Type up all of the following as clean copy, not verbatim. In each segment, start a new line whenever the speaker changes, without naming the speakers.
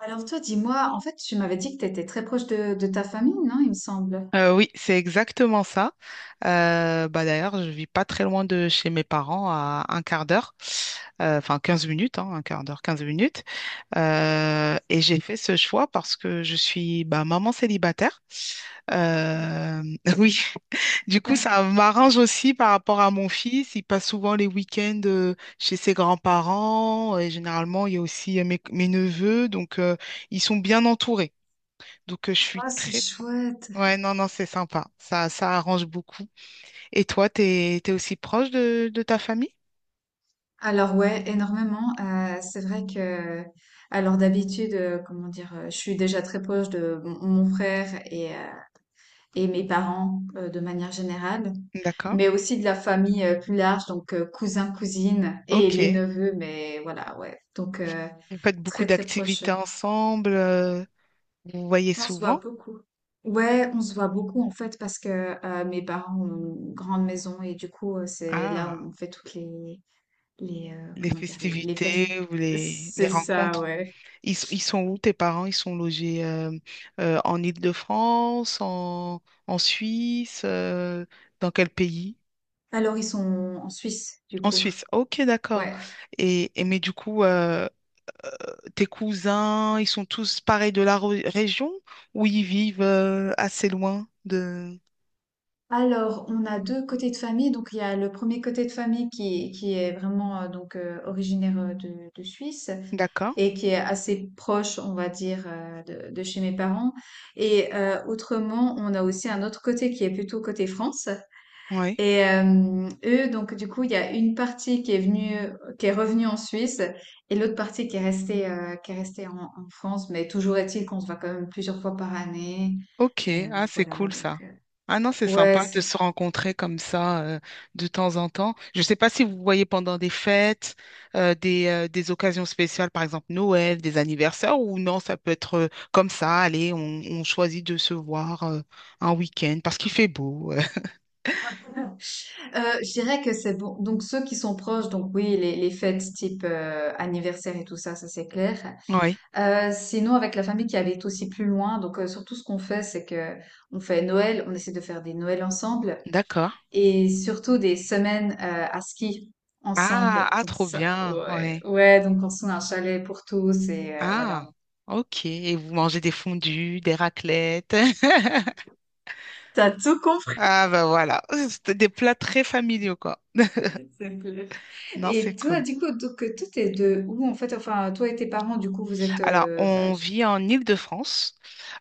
Alors toi, dis-moi, tu m'avais dit que tu étais très proche de ta famille, non, il me semble.
Oui, c'est exactement ça. Bah, d'ailleurs, je vis pas très loin de chez mes parents, à un quart d'heure. Enfin 15 minutes, hein, un quart d'heure, 15 minutes. Et j'ai fait ce choix parce que je suis bah, maman célibataire.
Oh.
Euh, oui, du coup, ça m'arrange aussi par rapport à mon fils. Il passe souvent les week-ends chez ses grands-parents. Et généralement, il y a aussi mes neveux, donc ils sont bien entourés. Donc, je suis
Ah, c'est
très...
chouette.
Ouais, non, non, c'est sympa. Ça arrange beaucoup. Et toi, t'es aussi proche de ta famille?
Alors ouais, énormément. C'est vrai alors d'habitude, comment dire, je suis déjà très proche de mon frère et et mes parents de manière générale,
D'accord.
mais aussi de la famille plus large, donc cousins, cousines et
Ok.
les neveux, mais voilà, ouais.
Vous faites beaucoup
Très très proche.
d'activités ensemble, vous vous voyez
On se voit
souvent?
beaucoup. Ouais, on se voit beaucoup en fait parce que mes parents ont une grande maison et du coup, c'est là
Ah,
où on fait toutes les,
les
comment dire, les fêtes.
festivités ou les
C'est ça,
rencontres.
ouais.
Ils sont où, tes parents? Ils sont logés, en Île-de-France, en Suisse, dans quel pays?
Alors ils sont en Suisse du
En
coup.
Suisse. Ok, d'accord.
Ouais.
Et mais du coup, tes cousins, ils sont tous pareils de la région ou ils vivent assez loin de...
Alors, on a 2 côtés de famille. Donc, il y a le premier côté de famille qui est vraiment, originaire, de Suisse
D'accord.
et qui est assez proche, on va dire, de chez mes parents et autrement, on a aussi un autre côté qui est plutôt côté France
Oui.
et eux, donc du coup, il y a une partie qui est venue, qui est revenue en Suisse et l'autre partie qui est restée en France. Mais toujours est-il qu'on se voit quand même plusieurs fois par année
Ok,
et
ah c'est
voilà
cool ça.
donc,
Ah non, c'est
ouais,
sympa de
c'est
se rencontrer comme ça, de temps en temps. Je ne sais pas si vous voyez pendant des fêtes, des occasions spéciales, par exemple Noël, des anniversaires, ou non, ça peut être comme ça, allez, on choisit de se voir un week-end parce qu'il fait beau.
Je dirais que c'est bon. Donc ceux qui sont proches, donc oui, les fêtes type anniversaire et tout ça, ça c'est clair.
Oui,
Sinon, avec la famille qui habite aussi plus loin, donc surtout ce qu'on fait, c'est que on fait Noël, on essaie de faire des Noëls ensemble,
d'accord.
et surtout des semaines à ski
Ah,
ensemble.
ah,
Donc
trop
ça,
bien,
ouais,
ouais.
ouais. Donc on se trouve un chalet pour tous et
Ah,
voilà.
ok. Et vous mangez des fondues, des raclettes.
T'as tout compris.
Ah, ben voilà. C'était des plats très familiaux, quoi.
C'est clair.
Non, c'est
Et toi,
cool.
du coup, donc toi, t'es de où en fait? Enfin, toi et tes parents, du coup, vous êtes
Alors,
bah,
on vit en Île-de-France.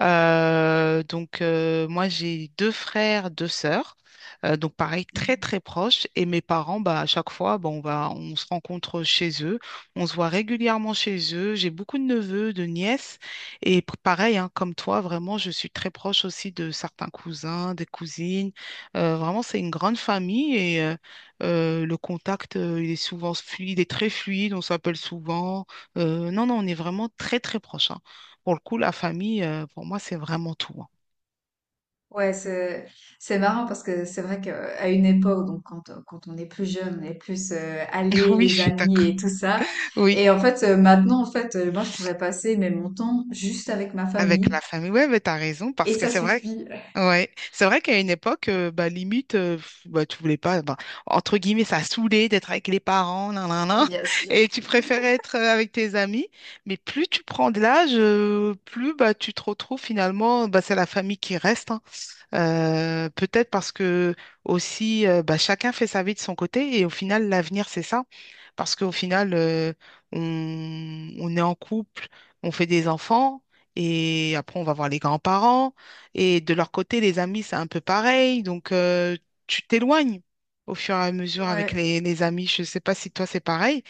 Donc, moi, j'ai deux frères, deux sœurs. Donc, pareil, très, très proches. Et mes parents, bah, à chaque fois, bon, bah, on se rencontre chez eux. On se voit régulièrement chez eux. J'ai beaucoup de neveux, de nièces. Et pareil, hein, comme toi, vraiment, je suis très proche aussi de certains cousins, des cousines. Vraiment, c'est une grande famille et le contact, il est souvent fluide, il est très fluide. On s'appelle souvent. Non, non, on est vraiment très, très proches, hein. Pour le coup, la famille, pour moi, c'est vraiment tout, hein.
ouais, c'est marrant parce que c'est vrai qu'à une époque, donc quand on est plus jeune, on est plus allé,
Oui, je
les
suis
amis
d'accord.
et tout ça.
Oui,
Et en fait, maintenant, moi, je pourrais passer mais mon temps juste avec ma
avec
famille
la famille. Ouais, mais t'as raison,
et
parce que
ça
c'est vrai.
suffit.
Ouais, c'est vrai qu'à une époque, bah, limite, pff, bah, tu voulais pas, bah, entre guillemets, ça saoulait d'être avec les parents, nan, nan, nan,
Bien sûr.
et tu préférais être avec tes amis. Mais plus tu prends de l'âge, plus bah, tu te retrouves finalement, bah, c'est la famille qui reste, hein. Peut-être parce que aussi, bah, chacun fait sa vie de son côté et au final, l'avenir, c'est ça. Parce qu'au final, on, on est en couple, on fait des enfants et après, on va voir les grands-parents. Et de leur côté, les amis, c'est un peu pareil. Donc, tu t'éloignes au fur et à mesure avec
Ouais.
les amis. Je ne sais pas si toi, c'est pareil,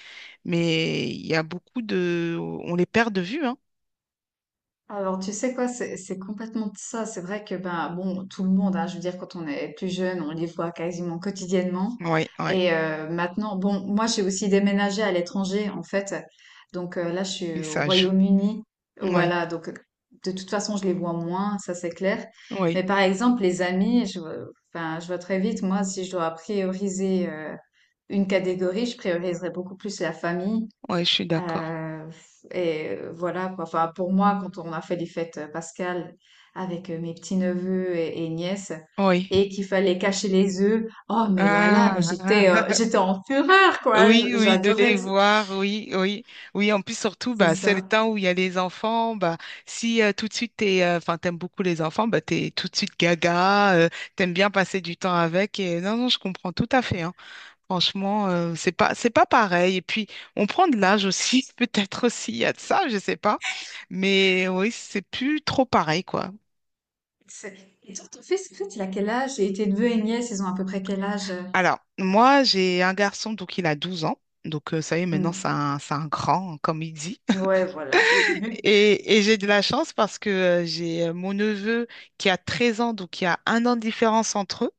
mais il y a beaucoup de... On les perd de vue, hein.
Alors, tu sais quoi, c'est complètement ça. C'est vrai que, ben, bon, tout le monde, hein, je veux dire, quand on est plus jeune, on les voit quasiment quotidiennement.
Oui, oui.
Et maintenant, bon, moi, j'ai aussi déménagé à l'étranger, en fait. Donc là, je
Et
suis au
ça joue.
Royaume-Uni.
Oui,
Voilà, donc de toute façon, je les vois moins, ça c'est clair.
oui,
Mais par exemple, les amis, je vois très vite, moi, si je dois prioriser une catégorie, je prioriserais beaucoup plus la famille.
oui, je suis d'accord.
Heu, voilà quoi. Enfin, pour moi, quand on a fait les fêtes, Pascal, avec, mes petits-neveux et nièces
Oui.
et qu'il fallait cacher les œufs, oh mais là là, mais
Ah, ah,
j'étais,
ah.
j'étais en fureur quoi, je
Oui, oui, de
j'adorais.
les voir, oui, oui, oui. En plus, surtout,
C'est
bah, c'est le
ça.
temps où il y a les enfants. Bah, si tout de suite enfin, t'aimes beaucoup les enfants, bah, t'es tout de suite gaga, t'aimes bien passer du temps avec. Et non, non, je comprends tout à fait, hein. Franchement, c'est pas pareil. Et puis, on prend de l'âge aussi, peut-être aussi. Il y a de ça, je sais pas. Mais oui, c'est plus trop pareil, quoi.
C'est et toi, ton fils, en fait, il a quel âge? Et tes neveux et nièces, ils ont à peu près quel âge,
Alors, moi, j'ai un garçon, donc il a 12 ans. Donc, ça y est, maintenant,
Mmh.
c'est un grand, hein, comme il dit.
Ouais, voilà.
Et j'ai de la chance parce que j'ai mon neveu qui a 13 ans, donc il y a un an de différence entre eux.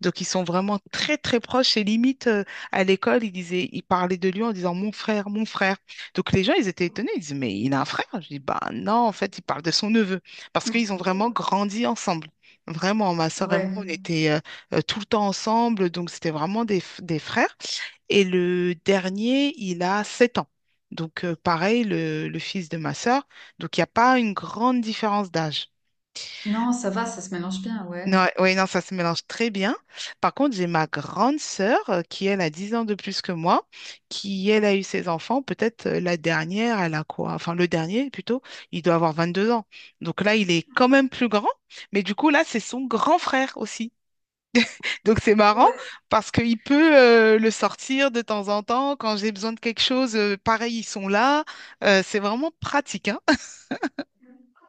Donc ils sont vraiment très très proches et limite, à l'école, ils parlaient de lui en disant mon frère, mon frère. Donc les gens, ils étaient étonnés, ils disaient, mais il a un frère? Je dis, bah non, en fait, il parle de son neveu parce qu'ils ont vraiment grandi ensemble. Vraiment, ma soeur et
Ouais.
moi, on était tout le temps ensemble, donc c'était vraiment des frères. Et le dernier, il a 7 ans. Donc, pareil, le fils de ma sœur. Donc, il n'y a pas une grande différence d'âge.
Non, ça va, ça se mélange bien, ouais.
Non, oui, non, ça se mélange très bien. Par contre, j'ai ma grande sœur, qui, elle, a 10 ans de plus que moi, qui, elle, a eu ses enfants. Peut-être la dernière, elle a quoi? Enfin, le dernier, plutôt, il doit avoir 22 ans. Donc là, il est quand même plus grand. Mais du coup, là, c'est son grand frère aussi. Donc c'est marrant
Ouais.
parce qu'il peut le sortir de temps en temps. Quand j'ai besoin de quelque chose, pareil, ils sont là. C'est vraiment pratique, hein?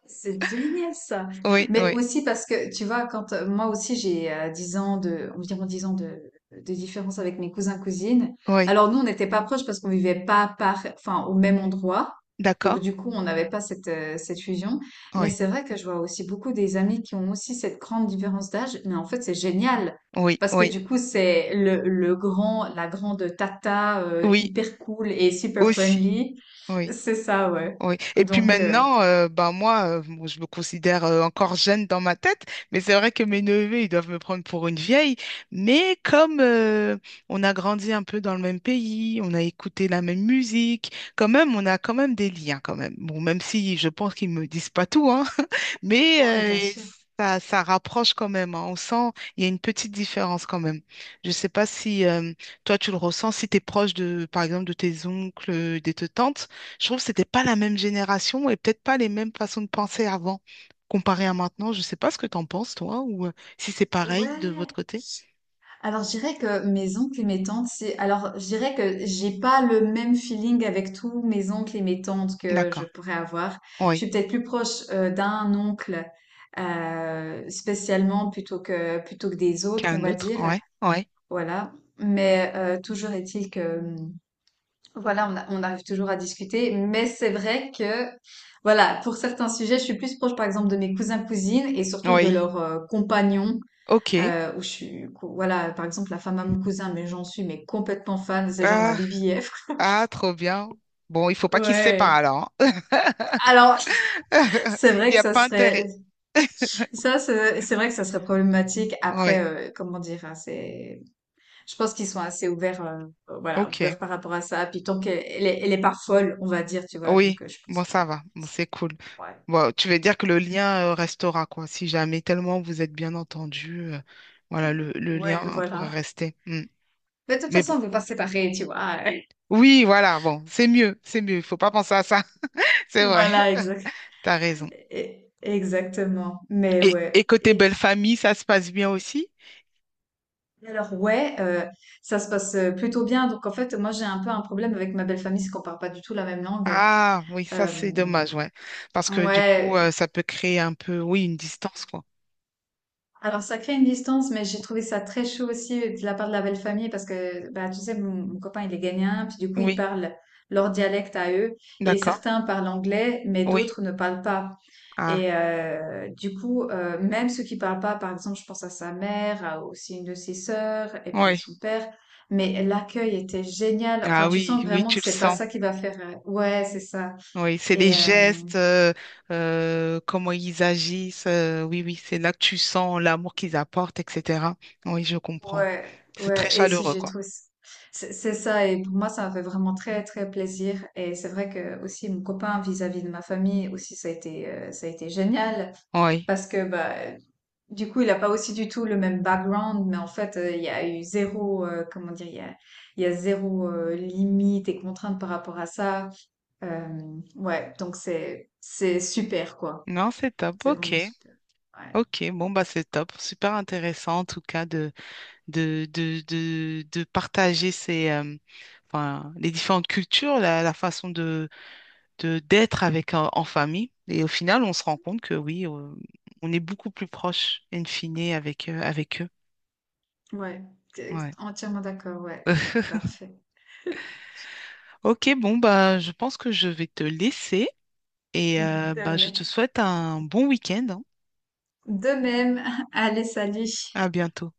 C'est génial, ça.
Oui,
Mais
oui,
aussi parce que tu vois, quand moi aussi j'ai 10 ans de, environ 10 ans de différence avec mes cousins cousines.
oui.
Alors nous, on n'était pas proches parce qu'on vivait pas par, enfin, au même endroit. Donc
D'accord.
du coup, on n'avait pas cette fusion. Mais
Oui,
c'est vrai que je vois aussi beaucoup des amis qui ont aussi cette grande différence d'âge. Mais en fait, c'est génial.
oui,
Parce que
oui,
du coup, c'est le grand, la grande tata
oui,
hyper cool et super
aussi.
friendly.
Oui.
C'est ça, ouais.
Oui. Et puis
Donc,
maintenant, ben moi, bon, je me considère encore jeune dans ma tête, mais c'est vrai que mes neveux, ils doivent me prendre pour une vieille. Mais comme on a grandi un peu dans le même pays, on a écouté la même musique, quand même, on a quand même des liens, quand même. Bon, même si je pense qu'ils me disent pas tout, hein, mais
oui, bien sûr.
ça, ça rapproche quand même, hein. On sent, il y a une petite différence quand même. Je sais pas si toi, tu le ressens, si tu es proche de, par exemple, de tes oncles, de tes tantes. Je trouve que c'était pas la même génération et peut-être pas les mêmes façons de penser avant, comparé à maintenant. Je sais pas ce que t'en penses, toi, ou si c'est pareil de votre
Ouais.
côté.
Alors, je dirais que mes oncles et mes tantes, c'est. Alors, je dirais que j'ai pas le même feeling avec tous mes oncles et mes tantes que je
D'accord.
pourrais avoir. Je
Oui.
suis peut-être plus proche d'un oncle spécialement, plutôt que des autres, on
Qu'un
va
autre.
dire.
Ouais. Ouais.
Voilà. Mais toujours est-il que, voilà, on arrive toujours à discuter. Mais c'est vrai que voilà, pour certains sujets, je suis plus proche, par exemple, de mes cousins cousines et surtout de
Oui.
leurs compagnons
OK.
où je suis, voilà, par exemple, la femme à mon cousin, mais j'en suis mais complètement fan, c'est genre ma
Ah,
BBF.
ah, trop bien. Bon, il faut pas qu'ils se séparent
Ouais.
alors, hein.
Alors, c'est
Il
vrai
n'y
que
a
ça
pas intérêt.
serait, ça, c'est vrai que ça serait problématique. Après,
Oui.
comment dire, hein, c'est, je pense qu'ils sont assez ouverts, voilà,
OK.
ouverts par rapport à ça. Puis tant qu'elle elle est pas folle, on va dire, tu vois. Donc,
Oui.
je pense
Bon,
que,
ça va. Bon, c'est cool.
ouais,
Bon, tu veux dire que le lien, restera, quoi. Si jamais tellement vous êtes bien entendu, voilà, le lien
ouais,
pourrait
voilà.
rester. Mm.
Mais de toute
Mais
façon,
bon.
on peut pas se séparer, tu vois.
Oui, voilà, bon, c'est mieux, il faut pas penser à ça. C'est vrai,
Voilà, exact,
t'as raison.
exactement. Mais
Et
ouais.
côté belle
Et
famille, ça se passe bien aussi?
alors ouais, ça se passe, plutôt bien. Donc en fait, moi, j'ai un peu un problème avec ma belle-famille, c'est qu'on parle pas du tout la même langue.
Ah, oui, ça c'est
Hem,
dommage, ouais. Parce que du coup,
ouais,
ça peut créer un peu, oui, une distance, quoi.
alors ça crée une distance, mais j'ai trouvé ça très chaud aussi de la part de la belle-famille parce que, bah, tu sais, mon copain, il est ghanéen, puis du coup, ils
Oui,
parlent leur dialecte à eux et
d'accord.
certains parlent anglais, mais
Oui,
d'autres ne parlent pas.
ah,
Et du coup, même ceux qui parlent pas, par exemple, je pense à sa mère, à aussi une de ses sœurs, et puis
oui.
son père. Mais l'accueil était génial. Enfin,
Ah
tu
oui,
sens
oui,
vraiment
tu
que
le
c'est pas
sens.
ça qui va faire. Ouais, c'est ça.
Oui, c'est les
Et euh,
gestes, comment ils agissent, oui, oui, c'est là que tu sens l'amour qu'ils apportent, etc. Oui, je comprends.
ouais,
C'est très
ouais. Et si
chaleureux,
j'ai
quoi.
trouvé, c'est ça. Et pour moi, ça m'a fait vraiment très, très plaisir. Et c'est vrai que aussi mon copain vis-à-vis de ma famille aussi, ça a été génial
Oui.
parce que bah, du coup, il a pas aussi du tout le même background, mais en fait, il y a eu zéro, comment dire, il y a zéro limite et contrainte par rapport à ça. Ouais, donc c'est super quoi.
Non, c'est top.
C'est
OK.
vraiment super. Ouais,
Ok, bon bah c'est top, super intéressant en tout cas de partager ces enfin les différentes cultures, la façon de d'être avec en famille et au final on se rend compte que oui, on est beaucoup plus proche in fine avec eux.
ouais, t'es
Ouais.
entièrement d'accord. Ouais, parfait.
Ok, bon bah je pense que je vais te laisser et
De
bah je
même.
te souhaite un bon week-end, hein.
De même. Allez, salut.
À bientôt.